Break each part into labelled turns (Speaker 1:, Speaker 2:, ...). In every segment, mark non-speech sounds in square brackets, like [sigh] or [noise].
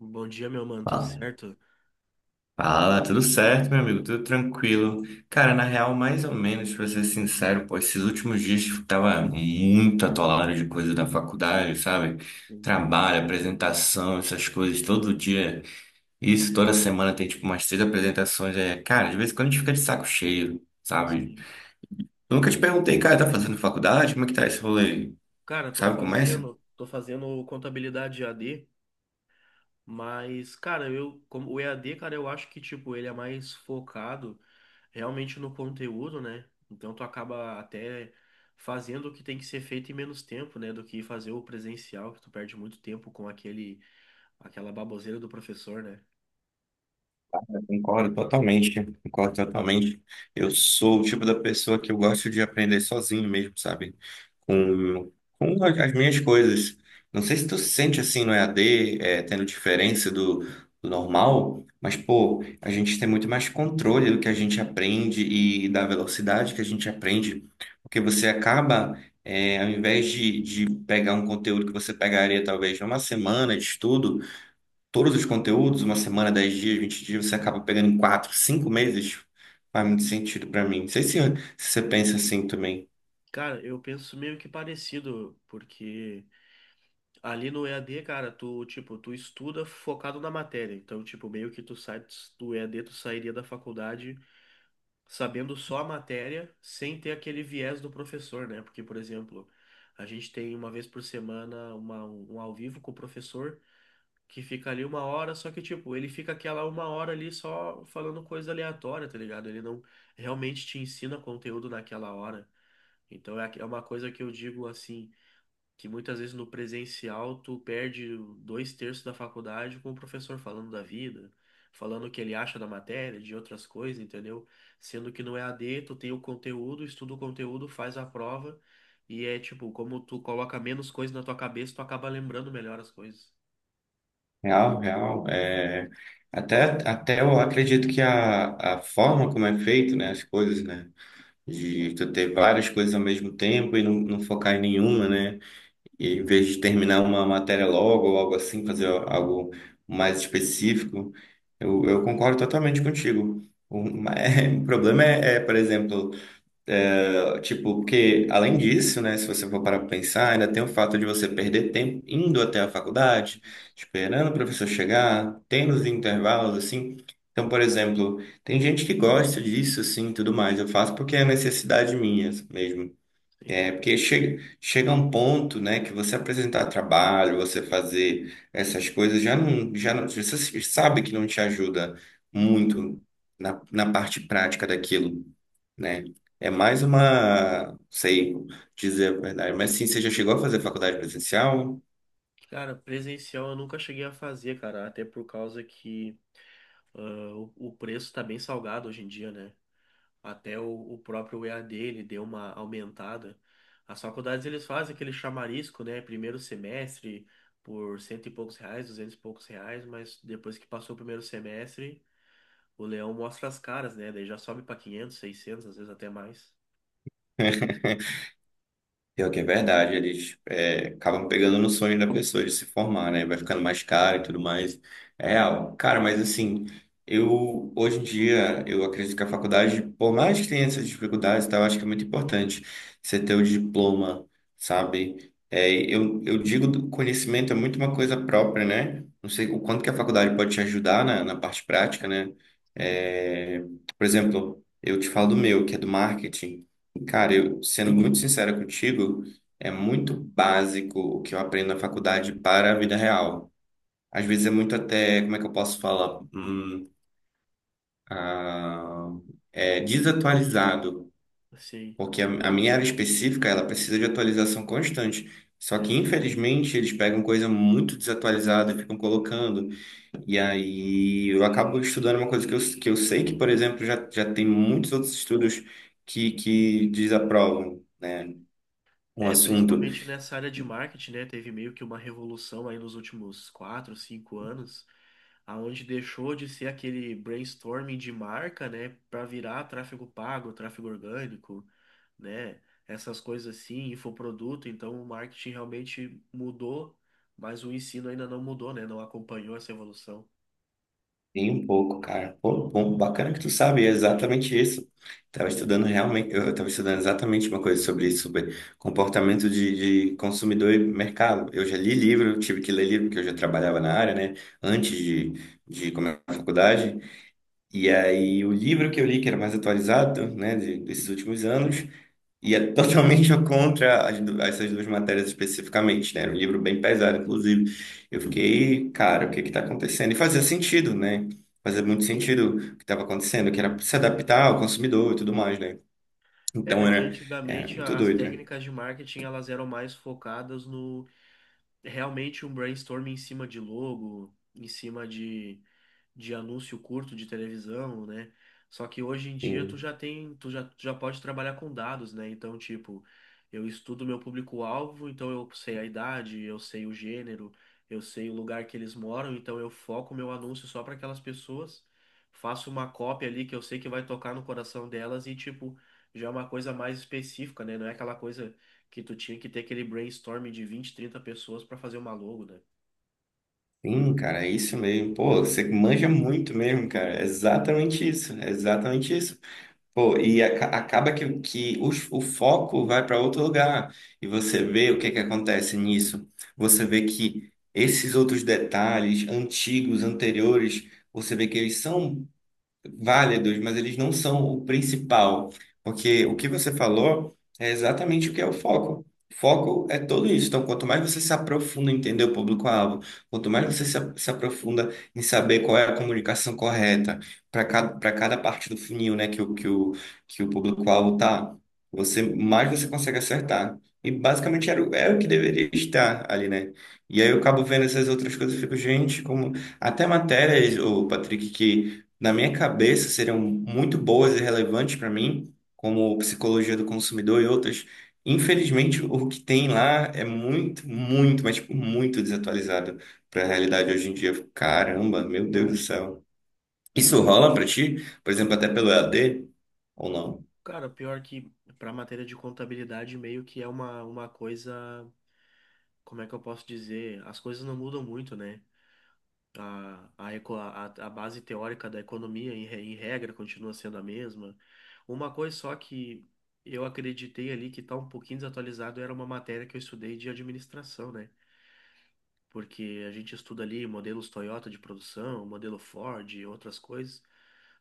Speaker 1: Bom dia, meu mano, tudo
Speaker 2: Fala,
Speaker 1: certo?
Speaker 2: Tudo certo, meu amigo? Tudo tranquilo. Cara, na real, mais ou menos, pra ser sincero, pô, esses últimos dias eu tava muito atolado de coisa da faculdade, sabe?
Speaker 1: Sim.
Speaker 2: Trabalho, apresentação, essas coisas, todo dia. Isso, toda semana tem tipo umas três apresentações. É, cara, de vez em quando a gente fica de saco cheio, sabe?
Speaker 1: Sim.
Speaker 2: Eu nunca te perguntei, cara, tá fazendo faculdade? Como é que tá esse rolê?
Speaker 1: Cara, tô
Speaker 2: Sabe como é?
Speaker 1: fazendo, tô fazendo contabilidade EAD, mas, cara, eu, como o EAD, cara, eu acho que, tipo, ele é mais focado realmente no conteúdo, né? Então tu acaba até fazendo o que tem que ser feito em menos tempo, né? Do que fazer o presencial, que tu perde muito tempo com aquela baboseira do professor, né?
Speaker 2: Concordo totalmente, concordo totalmente. Eu sou o tipo da pessoa que eu gosto de aprender sozinho mesmo, sabe? Com, com as minhas coisas. Não sei se tu se sente assim no EAD, é, tendo diferença do normal, mas, pô, a gente tem muito mais controle do que a gente aprende e da velocidade que a gente aprende, porque você acaba, é, ao invés de pegar um conteúdo que você pegaria talvez numa semana de estudo, todos os conteúdos, uma semana, 10 dias, 20 dias, você acaba pegando em 4 5 meses, faz muito sentido para mim. Não sei se você pensa assim também.
Speaker 1: Cara, eu penso meio que parecido, porque ali no EAD, cara, tu, tipo, tu estuda focado na matéria. Então, tipo, meio que tu sai do EAD, tu sairia da faculdade sabendo só a matéria, sem ter aquele viés do professor, né? Porque, por exemplo, a gente tem uma vez por semana um ao vivo com o professor, que fica ali uma hora, só que, tipo, ele fica aquela uma hora ali só falando coisa aleatória, tá ligado? Ele não realmente te ensina conteúdo naquela hora. Então, é, é uma coisa que eu digo assim, que muitas vezes no presencial tu perde dois terços da faculdade com o professor falando da vida, falando o que ele acha da matéria, de outras coisas, entendeu? Sendo que no EAD tu tem o conteúdo, estuda o conteúdo, faz a prova e é tipo, como tu coloca menos coisa na tua cabeça, tu acaba lembrando melhor as coisas.
Speaker 2: Real, real. É, até eu acredito que a forma como é feito, né, as coisas, né, de tu ter várias coisas ao mesmo tempo e não focar em nenhuma, né, e em vez de terminar uma matéria logo ou algo assim, fazer algo mais específico, eu concordo totalmente contigo. O, ma- [laughs] o problema é, por exemplo, tipo, porque além disso, né, se você for parar para pensar, ainda tem o fato de você perder tempo indo até a faculdade,
Speaker 1: Isso.
Speaker 2: esperando o professor chegar, tendo os intervalos, assim. Então, por exemplo, tem gente que gosta disso, assim, e tudo mais. Eu faço porque é necessidade minha mesmo.
Speaker 1: Sim.
Speaker 2: É, porque chega, chega um ponto, né, que você apresentar trabalho, você fazer essas coisas, já não, você se- sabe que não te ajuda muito na parte prática daquilo, né? É mais uma, sei dizer a verdade, mas sim, você já chegou a fazer faculdade presencial?
Speaker 1: Cara, presencial eu nunca cheguei a fazer, cara, até por causa que ah, o preço tá bem salgado hoje em dia, né? Até o próprio EAD ele deu uma aumentada. As faculdades eles fazem aquele chamarisco, né? Primeiro semestre por cento e poucos reais, duzentos e poucos reais, mas depois que passou o primeiro semestre, o leão mostra as caras, né? Daí já sobe para quinhentos, seiscentos, às vezes até mais.
Speaker 2: [laughs] Pior que é verdade, eles acabam pegando no sonho da pessoa de se formar, né? Vai ficando mais caro e tudo mais. É real. Cara, mas assim, eu hoje em dia eu acredito que a faculdade, por mais que tenha essas dificuldades, e tal, eu acho que é muito importante você ter o diploma, sabe? É, eu digo conhecimento é muito uma coisa própria, né? Não sei o quanto que a faculdade pode te ajudar na parte prática, né?
Speaker 1: Sim,
Speaker 2: É, por exemplo, eu te falo do meu, que é do marketing. Cara, eu, sendo muito sincero contigo, é muito básico o que eu aprendo na faculdade para a vida real. Às vezes é muito até, como é que eu posso falar? Ah, é desatualizado,
Speaker 1: sim.
Speaker 2: porque a minha área específica, ela precisa de atualização constante. Só que,
Speaker 1: É.
Speaker 2: infelizmente, eles pegam coisa muito desatualizada e ficam colocando. E aí eu acabo estudando uma coisa que eu sei que, por exemplo, já tem muitos outros estudos que desaprovam, né? Um
Speaker 1: É,
Speaker 2: assunto.
Speaker 1: principalmente nessa área de marketing, né? Teve meio que uma revolução aí nos últimos quatro, cinco anos, aonde deixou de ser aquele brainstorming de marca, né? Para virar tráfego pago, tráfego orgânico, né? Essas coisas assim, infoproduto. Então, o marketing realmente mudou, mas o ensino ainda não mudou, né? Não acompanhou essa evolução.
Speaker 2: Sim, um pouco, cara. Pô, bom, bacana que tu sabe, é exatamente isso. Tava estudando realmente, eu tava estudando exatamente uma coisa sobre isso, sobre comportamento de consumidor e mercado. Eu já li livro, eu tive que ler livro, porque eu já trabalhava na área, né, antes de começar a faculdade. E aí, o livro que eu li, que era mais atualizado, né, desses últimos anos, e é totalmente [laughs] contra essas duas matérias especificamente, né? Era um livro bem pesado, inclusive. Eu fiquei, cara, o que que tá acontecendo? E fazia sentido, né? Fazia muito sentido o que estava acontecendo, que era se adaptar ao consumidor e tudo mais, né? Então
Speaker 1: É, que
Speaker 2: era
Speaker 1: antigamente
Speaker 2: muito
Speaker 1: as
Speaker 2: doido, né?
Speaker 1: técnicas de marketing elas eram mais focadas no realmente um brainstorming em cima de logo, em cima de anúncio curto de televisão, né? Só que hoje em dia tu
Speaker 2: Sim,
Speaker 1: já tem, tu já pode trabalhar com dados, né? Então, tipo, eu estudo meu público-alvo, então eu sei a idade, eu sei o gênero, eu sei o lugar que eles moram, então eu foco meu anúncio só para aquelas pessoas, faço uma cópia ali que eu sei que vai tocar no coração delas e, tipo, já é uma coisa mais específica, né? Não é aquela coisa que tu tinha que ter aquele brainstorming de 20, 30 pessoas para fazer uma logo, né?
Speaker 2: sim, cara, é isso mesmo. Pô, você manja muito mesmo, cara. É exatamente isso, é exatamente isso. Pô, e acaba que o foco vai para outro lugar. E você vê o que que acontece nisso. Você vê que esses outros detalhes antigos, anteriores, você vê que eles são válidos, mas eles não são o principal, porque o que você falou é exatamente o que é o foco. Foco é tudo isso. Então, quanto mais você se aprofunda em entender o público-alvo, quanto mais você se aprofunda em saber qual é a comunicação correta para cada parte do funil, né, que o público-alvo tá, você mais você consegue acertar. E basicamente era, é o que deveria estar ali, né? E aí eu acabo vendo essas outras coisas e fico, gente, como até matérias, o Patrick, que na minha cabeça, seriam muito boas e relevantes para mim, como psicologia do consumidor e outras. Infelizmente, o que tem lá é muito, muito, mas tipo, muito desatualizado para a realidade hoje em dia. Caramba, meu Deus do céu. Isso rola para ti? Por exemplo, até pelo EAD ou não?
Speaker 1: Cara, o pior que para matéria de contabilidade meio que é uma coisa, como é que eu posso dizer? As coisas não mudam muito, né? A base teórica da economia, em regra, continua sendo a mesma. Uma coisa só que eu acreditei ali que tá um pouquinho desatualizado era uma matéria que eu estudei de administração, né? Porque a gente estuda ali modelos Toyota de produção, modelo Ford, e outras coisas.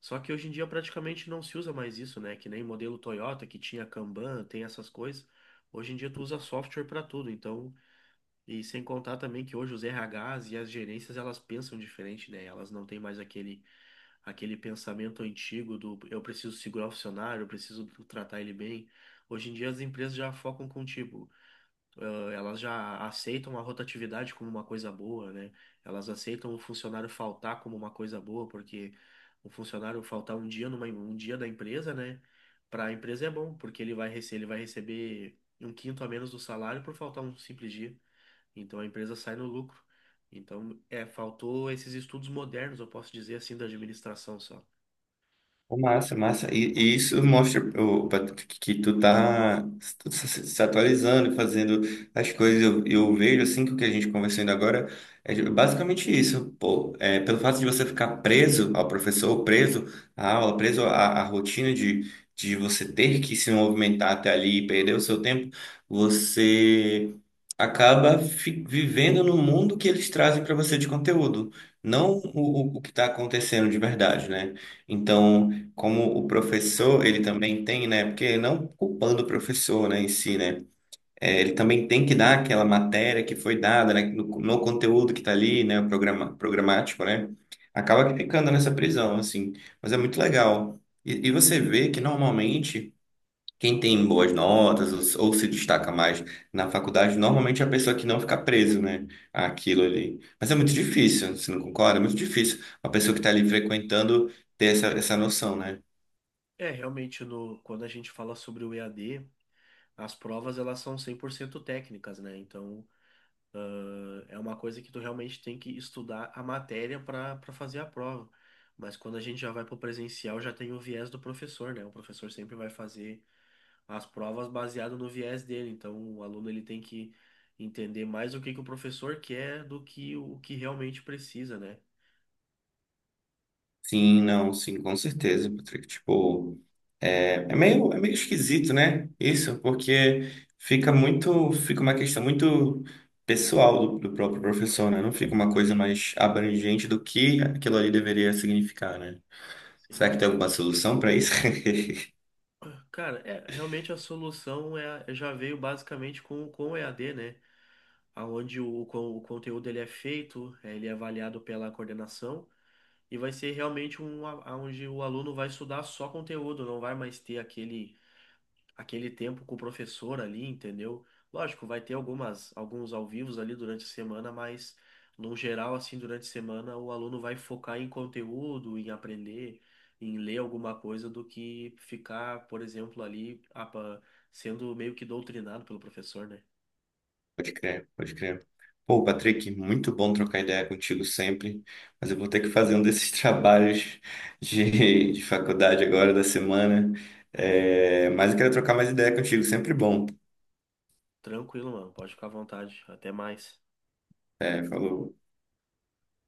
Speaker 1: Só que hoje em dia praticamente não se usa mais isso, né? Que nem modelo Toyota que tinha Kanban, tem essas coisas. Hoje em dia tu usa software para tudo, então, e sem contar também que hoje os RHs e as gerências elas pensam diferente, né? Elas não têm mais aquele pensamento antigo do eu preciso segurar o funcionário, eu preciso tratar ele bem. Hoje em dia as empresas já focam contigo, elas já aceitam a rotatividade como uma coisa boa, né? Elas aceitam o funcionário faltar como uma coisa boa, porque o funcionário faltar um dia um dia da empresa, né? Para a empresa é bom, porque ele vai receber um quinto a menos do salário por faltar um simples dia. Então a empresa sai no lucro. Então, é, faltou esses estudos modernos, eu posso dizer assim, da administração só.
Speaker 2: Pô, massa, massa. E isso mostra, ô, Patrick, que tu tá se atualizando, fazendo as coisas. Eu vejo, assim, que o que a gente conversou ainda agora é basicamente isso. Pô, é, pelo fato de você ficar preso ao professor, preso à aula, preso à, à rotina de você ter que se movimentar até ali e perder o seu tempo, você acaba vivendo no mundo que eles trazem para você de conteúdo, não o que está acontecendo de verdade, né? Então como o professor, ele também tem, né? Porque não culpando o professor, né, em si, né? É, ele também tem que dar aquela matéria que foi dada, né, no conteúdo que está ali, né, o programático, né? Acaba que ficando nessa prisão, assim. Mas é muito legal. E você vê que normalmente quem tem boas notas ou se destaca mais na faculdade, normalmente é a pessoa que não fica preso, né, àquilo ali. Mas é muito difícil, você não concorda? É muito difícil a pessoa que está ali frequentando ter essa, essa noção, né?
Speaker 1: É, realmente, no, quando a gente fala sobre o EAD, as provas elas são 100% técnicas, né? Então, é uma coisa que tu realmente tem que estudar a matéria para fazer a prova. Mas quando a gente já vai para o presencial, já tem o viés do professor, né? O professor sempre vai fazer as provas baseado no viés dele. Então, o aluno ele tem que entender mais o que que o professor quer do que o que realmente precisa, né?
Speaker 2: Sim, não, sim, com certeza, Patrick. Tipo, é, é meio esquisito, né? Isso, porque fica muito, fica uma questão muito pessoal do próprio professor,
Speaker 1: É,
Speaker 2: né? Não fica uma coisa
Speaker 1: realmente.
Speaker 2: mais abrangente do que aquilo ali deveria significar, né?
Speaker 1: Sim.
Speaker 2: Será que tem alguma solução para isso? [laughs]
Speaker 1: Cara, é, realmente a solução é, já veio basicamente com o EAD, né? Onde o conteúdo ele é feito, ele é avaliado pela coordenação. E vai ser realmente onde o aluno vai estudar só conteúdo, não vai mais ter aquele tempo com o professor ali, entendeu? Lógico, vai ter alguns ao vivos ali durante a semana, mas no geral, assim, durante a semana, o aluno vai focar em conteúdo, em aprender, em ler alguma coisa, do que ficar, por exemplo, ali sendo meio que doutrinado pelo professor, né?
Speaker 2: Pode crer, pode crer. Pô, Patrick, muito bom trocar ideia contigo sempre, mas eu vou ter que fazer um desses [laughs] trabalhos de faculdade agora da semana. É, mas eu quero trocar mais ideia contigo, sempre bom.
Speaker 1: Tranquilo, mano, pode ficar à vontade. Até mais.
Speaker 2: É, falou.